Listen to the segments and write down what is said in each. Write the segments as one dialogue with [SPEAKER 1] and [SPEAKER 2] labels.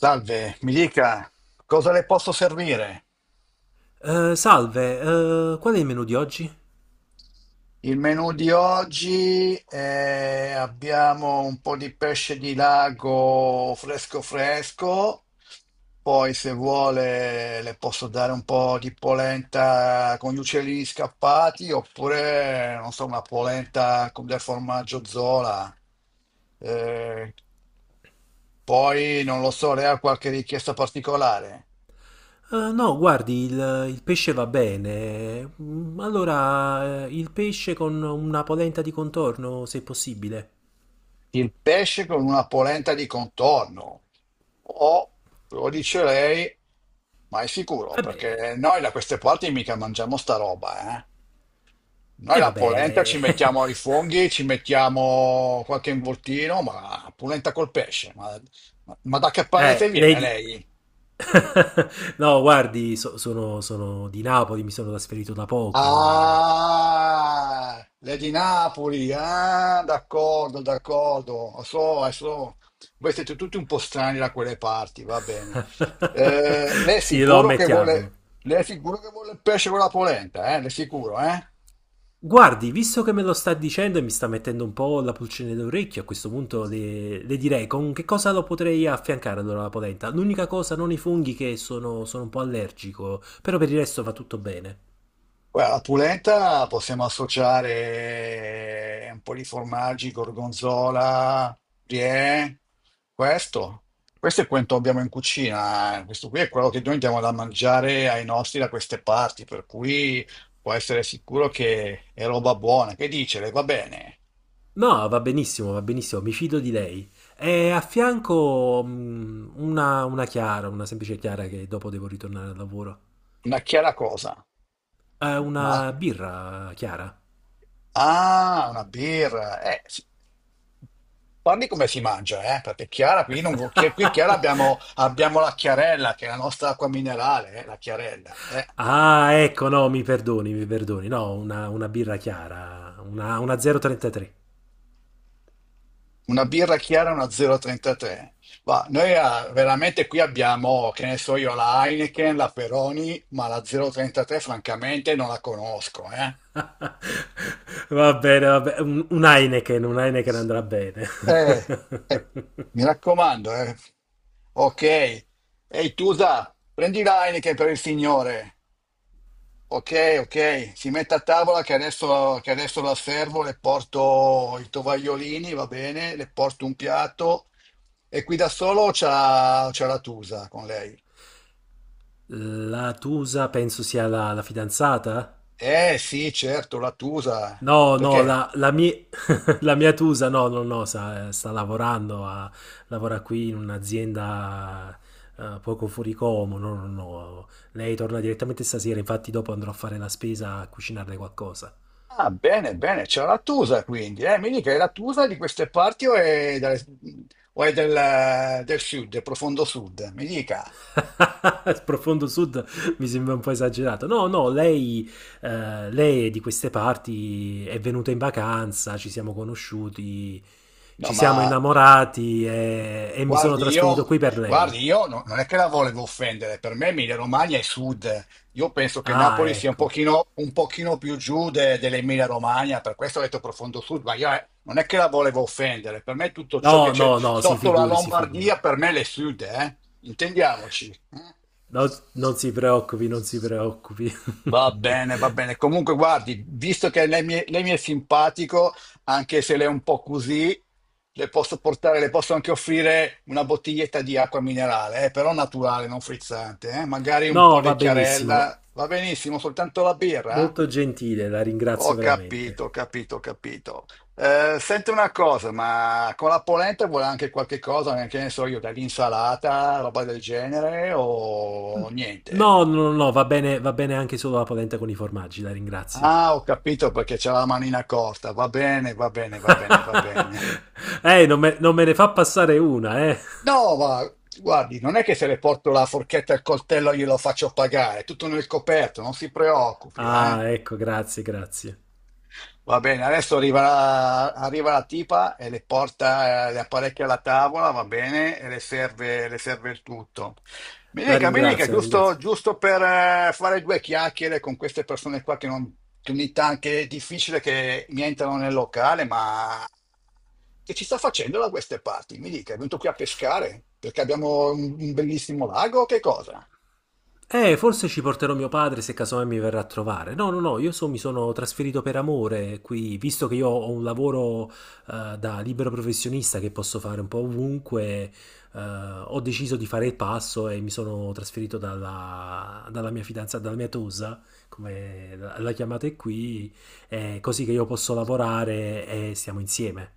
[SPEAKER 1] Salve, mi dica cosa le posso servire?
[SPEAKER 2] Salve, qual è il menù di oggi?
[SPEAKER 1] Il menù di oggi abbiamo un po' di pesce di lago fresco fresco, poi se vuole le posso dare un po' di polenta con gli uccellini scappati oppure non so, una polenta con del formaggio Zola. Eh, poi non lo so, lei ha qualche richiesta particolare?
[SPEAKER 2] No, guardi, il pesce va bene. Mm, allora, il pesce con una polenta di contorno, se possibile.
[SPEAKER 1] Il pesce con una polenta di contorno. O, lo dice lei, ma è sicuro,
[SPEAKER 2] Vabbè,
[SPEAKER 1] perché noi da queste parti mica mangiamo sta roba, eh? Noi
[SPEAKER 2] e
[SPEAKER 1] la polenta ci
[SPEAKER 2] vabbè.
[SPEAKER 1] mettiamo i funghi, ci mettiamo qualche involtino, ma polenta col pesce, ma, ma da che paese
[SPEAKER 2] Lei
[SPEAKER 1] viene
[SPEAKER 2] di...
[SPEAKER 1] lei?
[SPEAKER 2] No, guardi, sono di Napoli, mi sono trasferito da poco.
[SPEAKER 1] Ah, le di Napoli, ah, d'accordo, d'accordo, so, so. Voi siete tutti un po' strani da quelle parti, va bene. Eh, lei è
[SPEAKER 2] Sì, lo
[SPEAKER 1] sicuro che
[SPEAKER 2] ammettiamolo.
[SPEAKER 1] vuole, lei è sicuro che vuole il pesce con la polenta, eh? Le è sicuro, eh?
[SPEAKER 2] Guardi, visto che me lo sta dicendo e mi sta mettendo un po' la pulcine d'orecchio, a questo punto le direi con che cosa lo potrei affiancare allora la polenta. L'unica cosa, non i funghi che sono un po' allergico, però per il resto va tutto bene.
[SPEAKER 1] Guarda, la polenta possiamo associare un po' di formaggi, gorgonzola, brie, questo. Questo è quanto abbiamo in cucina, eh. Questo qui è quello che noi andiamo da mangiare ai nostri da queste parti, per cui può essere sicuro che è roba buona. Che dice? Le va bene?
[SPEAKER 2] No, va benissimo, mi fido di lei. E a fianco una chiara, una semplice chiara che dopo devo ritornare al lavoro.
[SPEAKER 1] Una chiara cosa.
[SPEAKER 2] Una
[SPEAKER 1] Un'acqua.
[SPEAKER 2] birra chiara.
[SPEAKER 1] Ah, una birra. Sì. Parli come si mangia, eh? Perché Chiara, qui, non, qui Chiara abbiamo la Chiarella, che è la nostra acqua minerale, la Chiarella.
[SPEAKER 2] Ah, ecco, no, mi perdoni, mi perdoni. No, una birra chiara, una 0,33.
[SPEAKER 1] Una birra chiara, una 0,33. Ma noi veramente qui abbiamo, che ne so io, la Heineken, la Peroni, ma la 0,33 francamente non la conosco, eh?
[SPEAKER 2] Va bene, va bene. Un Heineken andrà bene.
[SPEAKER 1] Eh, eh, mi raccomando, eh. Ok. Ehi, Tusa, prendi la Heineken per il signore. Ok, ok, si mette a tavola che adesso la servo, le porto i tovagliolini, va bene, le porto un piatto e qui da solo c'ha la Tusa con lei.
[SPEAKER 2] La Tusa penso sia la fidanzata?
[SPEAKER 1] Eh sì, certo, la Tusa.
[SPEAKER 2] No, no,
[SPEAKER 1] Perché?
[SPEAKER 2] la mi- la mia Tusa, no, no, no, sta lavorando, a- lavora qui in un'azienda poco fuori Como, no, no, no. Lei torna direttamente stasera, infatti dopo andrò a fare la spesa a cucinarle qualcosa.
[SPEAKER 1] Ah, bene, bene, c'è la Tusa quindi. Mi dica, è la Tusa di queste parti o è, del, o è del sud, del profondo sud? Mi dica.
[SPEAKER 2] Profondo Sud mi sembra un po' esagerato. No, no, lei, lei è di queste parti, è venuta in vacanza, ci siamo conosciuti,
[SPEAKER 1] No,
[SPEAKER 2] ci
[SPEAKER 1] ma
[SPEAKER 2] siamo innamorati e mi sono
[SPEAKER 1] guardi, io,
[SPEAKER 2] trasferito qui per lei.
[SPEAKER 1] guardi, io non è che la volevo offendere, per me Emilia Romagna è sud. Io penso che
[SPEAKER 2] Ah,
[SPEAKER 1] Napoli sia
[SPEAKER 2] ecco.
[SPEAKER 1] un pochino più giù dell'Emilia Romagna, per questo ho detto profondo sud, ma io, non è che la volevo offendere, per me tutto ciò che
[SPEAKER 2] No,
[SPEAKER 1] c'è
[SPEAKER 2] no, no, si
[SPEAKER 1] sotto la
[SPEAKER 2] figuri, si figuri.
[SPEAKER 1] Lombardia, per me è sud, eh? Intendiamoci, eh?
[SPEAKER 2] No, non si preoccupi, non si preoccupi.
[SPEAKER 1] Va bene, va bene. Comunque, guardi, visto che lei mi è simpatico, anche se lei è un po' così, le posso anche offrire una bottiglietta di acqua minerale, però naturale, non frizzante, magari un po'
[SPEAKER 2] No,
[SPEAKER 1] di
[SPEAKER 2] va
[SPEAKER 1] chiarella,
[SPEAKER 2] benissimo.
[SPEAKER 1] va benissimo, soltanto la birra?
[SPEAKER 2] Molto gentile, la
[SPEAKER 1] Ho
[SPEAKER 2] ringrazio
[SPEAKER 1] capito,
[SPEAKER 2] veramente.
[SPEAKER 1] ho capito, ho capito. Senti una cosa, ma con la polenta vuole anche qualche cosa, che ne so io, dell'insalata, roba del genere o
[SPEAKER 2] No,
[SPEAKER 1] niente?
[SPEAKER 2] no, no, no, va bene anche solo la polenta con i formaggi, la ringrazio.
[SPEAKER 1] Ah, ho capito perché c'è la manina corta, va bene, va bene, va bene, va bene.
[SPEAKER 2] Non me ne fa passare una, eh.
[SPEAKER 1] No, ma guardi, non è che se le porto la forchetta e il coltello glielo faccio pagare, è tutto nel coperto, non si preoccupi, eh.
[SPEAKER 2] Ah, ecco, grazie, grazie.
[SPEAKER 1] Va bene, adesso arriva la tipa e le porta le apparecchia alla tavola, va bene, e le serve il tutto.
[SPEAKER 2] La
[SPEAKER 1] Mi dica,
[SPEAKER 2] ringrazio, la
[SPEAKER 1] giusto,
[SPEAKER 2] ringrazio.
[SPEAKER 1] giusto per fare due chiacchiere con queste persone qua che, non, che ogni tanto che è difficile che mi entrano nel locale, ma che ci sta facendo da queste parti? Mi dica, è venuto qui a pescare perché abbiamo un bellissimo lago o che cosa?
[SPEAKER 2] Forse ci porterò mio padre se casomai mi verrà a trovare. No, no, no, io so- mi sono trasferito per amore qui, visto che io ho un lavoro da libero professionista che posso fare un po' ovunque, ho deciso di fare il passo e mi sono trasferito dalla mia fidanzata, dalla mia tosa, come la chiamate qui, così che io posso lavorare e stiamo insieme.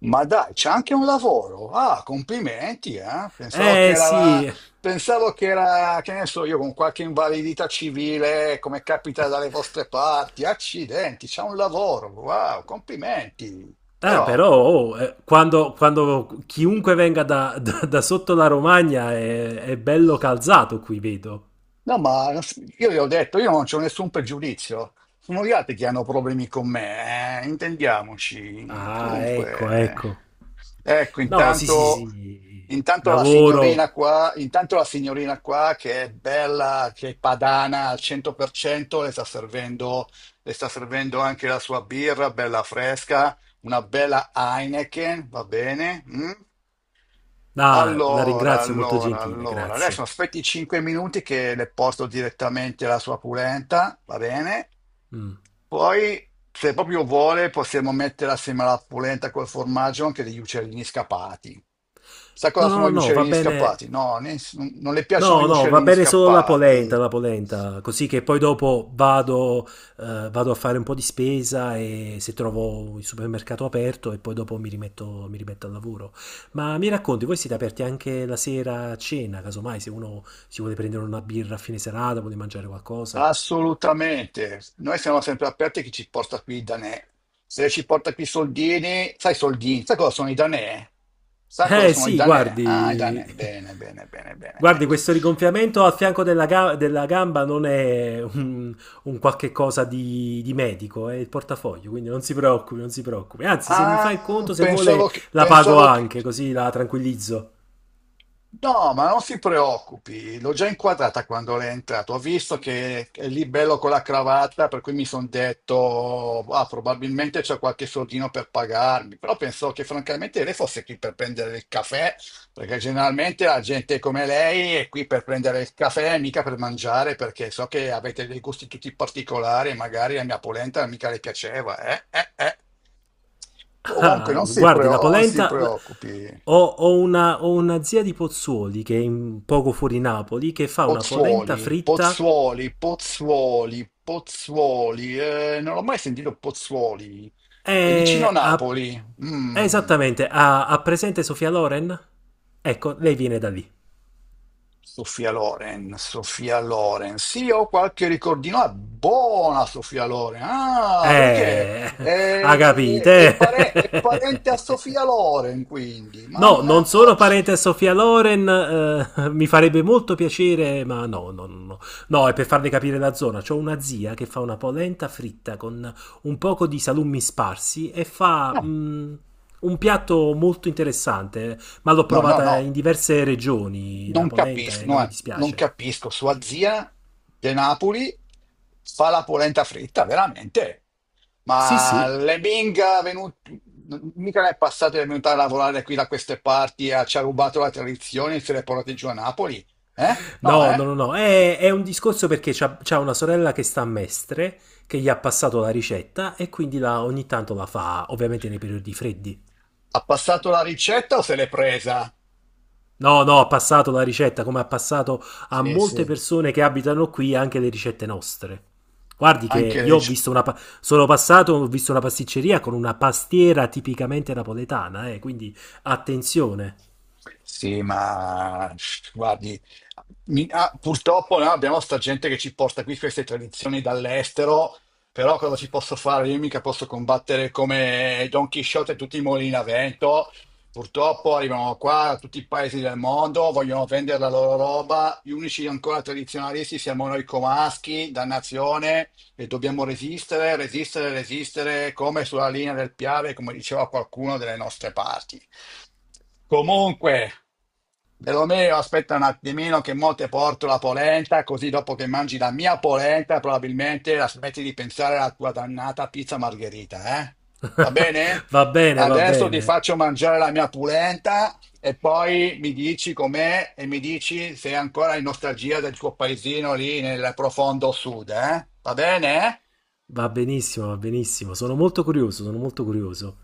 [SPEAKER 1] Ma dai, c'è anche un lavoro. Ah, complimenti, eh? Pensavo che
[SPEAKER 2] Eh
[SPEAKER 1] era, la-
[SPEAKER 2] sì,
[SPEAKER 1] pensavo che era, che ne so io, con qualche invalidità civile, come capita dalle vostre parti. Accidenti, c'è un lavoro. Wow, complimenti. Però,
[SPEAKER 2] Però oh, quando chiunque venga da- da sotto la Romagna è bello calzato qui, vedo.
[SPEAKER 1] no, ma io gli ho detto, io non c'ho nessun pregiudizio. Sono gli altri che hanno problemi con me, intendiamoci.
[SPEAKER 2] Ah, ecco,
[SPEAKER 1] Comunque,
[SPEAKER 2] ecco.
[SPEAKER 1] ecco,
[SPEAKER 2] No, sì, sì,
[SPEAKER 1] intanto,
[SPEAKER 2] sì.
[SPEAKER 1] intanto la
[SPEAKER 2] Lavoro.
[SPEAKER 1] signorina qua, intanto la signorina qua che è bella, che è padana al 100%, le sta servendo anche la sua birra, bella fresca, una bella Heineken, va bene? Mm?
[SPEAKER 2] Ah, la
[SPEAKER 1] Allora,
[SPEAKER 2] ringrazio, molto
[SPEAKER 1] allora,
[SPEAKER 2] gentile,
[SPEAKER 1] allora, adesso
[SPEAKER 2] grazie.
[SPEAKER 1] aspetti 5 minuti che le porto direttamente la sua polenta, va bene?
[SPEAKER 2] Mm.
[SPEAKER 1] Poi, se proprio vuole, possiamo mettere assieme alla polenta col formaggio anche degli uccellini scappati. Sai cosa
[SPEAKER 2] No, no,
[SPEAKER 1] sono
[SPEAKER 2] no,
[SPEAKER 1] gli
[SPEAKER 2] no, va
[SPEAKER 1] uccellini
[SPEAKER 2] bene.
[SPEAKER 1] scappati? No, non le piacciono gli
[SPEAKER 2] No, no, va
[SPEAKER 1] uccellini
[SPEAKER 2] bene solo
[SPEAKER 1] scappati.
[SPEAKER 2] la polenta, così che poi dopo vado, vado a fare un po' di spesa e se trovo il supermercato aperto e poi dopo mi rimetto al lavoro. Ma mi racconti, voi siete aperti anche la sera a cena, casomai se uno si vuole prendere una birra a fine serata, vuole mangiare qualcosa?
[SPEAKER 1] Assolutamente, noi siamo sempre aperti a chi ci porta qui i danè. Se ci porta qui i soldini, sai cosa sono i danè? Sai cosa
[SPEAKER 2] Eh
[SPEAKER 1] sono i
[SPEAKER 2] sì,
[SPEAKER 1] danè? Ah, i
[SPEAKER 2] guardi,
[SPEAKER 1] danè, bene, bene, bene, bene,
[SPEAKER 2] guardi
[SPEAKER 1] ecco.
[SPEAKER 2] questo rigonfiamento al fianco della, ga- della gamba non è un qualche cosa di medico, è il portafoglio, quindi non si preoccupi, non si preoccupi. Anzi, se mi fa il
[SPEAKER 1] Ah,
[SPEAKER 2] conto, se
[SPEAKER 1] pensavo
[SPEAKER 2] vuole,
[SPEAKER 1] che,
[SPEAKER 2] la pago
[SPEAKER 1] pensavo che-
[SPEAKER 2] anche, così la tranquillizzo.
[SPEAKER 1] No, ma non si preoccupi, l'ho già inquadrata quando lei è entrato. Ho visto che è lì bello con la cravatta, per cui mi sono detto, ah, probabilmente c'è qualche soldino per pagarmi. Però pensavo che francamente lei fosse qui per prendere il caffè, perché generalmente la gente come lei è qui per prendere il caffè, mica per mangiare, perché so che avete dei gusti tutti particolari e magari la mia polenta mica le piaceva. Comunque
[SPEAKER 2] Ah,
[SPEAKER 1] non si
[SPEAKER 2] guardi, la
[SPEAKER 1] preo- non si
[SPEAKER 2] polenta... la-
[SPEAKER 1] preoccupi.
[SPEAKER 2] Ho una zia di Pozzuoli che è in- poco fuori Napoli che fa una polenta
[SPEAKER 1] Pozzuoli,
[SPEAKER 2] fritta.
[SPEAKER 1] Pozzuoli, Pozzuoli, Pozzuoli, non ho mai sentito Pozzuoli, è vicino a
[SPEAKER 2] E ha-
[SPEAKER 1] Napoli. Mm.
[SPEAKER 2] Esattamente, ha presente Sofia Loren? Ecco, lei viene da lì.
[SPEAKER 1] Sofia Loren, Sofia Loren, sì, ho qualche ricordino, ah, buona Sofia Loren, ah, perché
[SPEAKER 2] Eh, ha
[SPEAKER 1] è, è
[SPEAKER 2] capite?
[SPEAKER 1] pare- è parente a Sofia Loren, quindi,
[SPEAKER 2] No, non sono
[SPEAKER 1] mannaggia.
[SPEAKER 2] parente a Sofia Loren, mi farebbe molto piacere, ma no, no, no, no. No, è per farle capire la zona. C'ho una zia che fa una polenta fritta con un poco di salumi sparsi e fa
[SPEAKER 1] Ah,
[SPEAKER 2] un piatto molto interessante, ma l'ho
[SPEAKER 1] no, no, no,
[SPEAKER 2] provata in diverse regioni, la
[SPEAKER 1] non
[SPEAKER 2] polenta,
[SPEAKER 1] capisco,
[SPEAKER 2] e non
[SPEAKER 1] no,
[SPEAKER 2] mi
[SPEAKER 1] non
[SPEAKER 2] dispiace.
[SPEAKER 1] capisco. Sua zia De Napoli fa la polenta fritta, veramente.
[SPEAKER 2] Sì,
[SPEAKER 1] Ma
[SPEAKER 2] sì.
[SPEAKER 1] le Bing, mica ne è passato di venuta a lavorare qui da queste parti, ci ha rubato la tradizione e se le portate giù a Napoli? Eh? No,
[SPEAKER 2] No,
[SPEAKER 1] eh?
[SPEAKER 2] no, no, no. È un discorso perché c'ha una sorella che sta a Mestre, che gli ha passato la ricetta e quindi la- ogni tanto la fa, ovviamente nei periodi freddi.
[SPEAKER 1] Ha passato la ricetta o se l'è presa?
[SPEAKER 2] No, no, ha passato la ricetta, come ha passato a
[SPEAKER 1] Sì,
[SPEAKER 2] molte
[SPEAKER 1] sì,
[SPEAKER 2] persone che abitano qui anche le ricette nostre. Guardi che
[SPEAKER 1] anche
[SPEAKER 2] io
[SPEAKER 1] lei.
[SPEAKER 2] ho visto una... pa- sono passato, ho visto una pasticceria con una pastiera tipicamente napoletana, quindi attenzione.
[SPEAKER 1] Sì, ma guardi, purtroppo no, abbiamo sta gente che ci porta qui queste tradizioni dall'estero, però cosa ci posso fare? Io mica posso combattere come Don Chisciotte e tutti i mulini a vento. Purtroppo arrivano qua da tutti i paesi del mondo, vogliono vendere la loro roba. Gli unici ancora tradizionalisti siamo noi comaschi, dannazione, e dobbiamo resistere, resistere, resistere, come sulla linea del Piave, come diceva qualcuno delle nostre parti. Comunque, Romeo, aspetta un attimino che mo te porto la polenta, così dopo che mangi la mia polenta probabilmente la smetti di pensare alla tua dannata pizza margherita, eh? Va bene?
[SPEAKER 2] Va bene, va
[SPEAKER 1] Adesso ti
[SPEAKER 2] bene.
[SPEAKER 1] faccio mangiare la mia polenta e poi mi dici com'è e mi dici se è ancora in nostalgia del tuo paesino lì nel profondo sud, eh? Va bene?
[SPEAKER 2] Va benissimo, va benissimo. Sono molto curioso, sono molto curioso.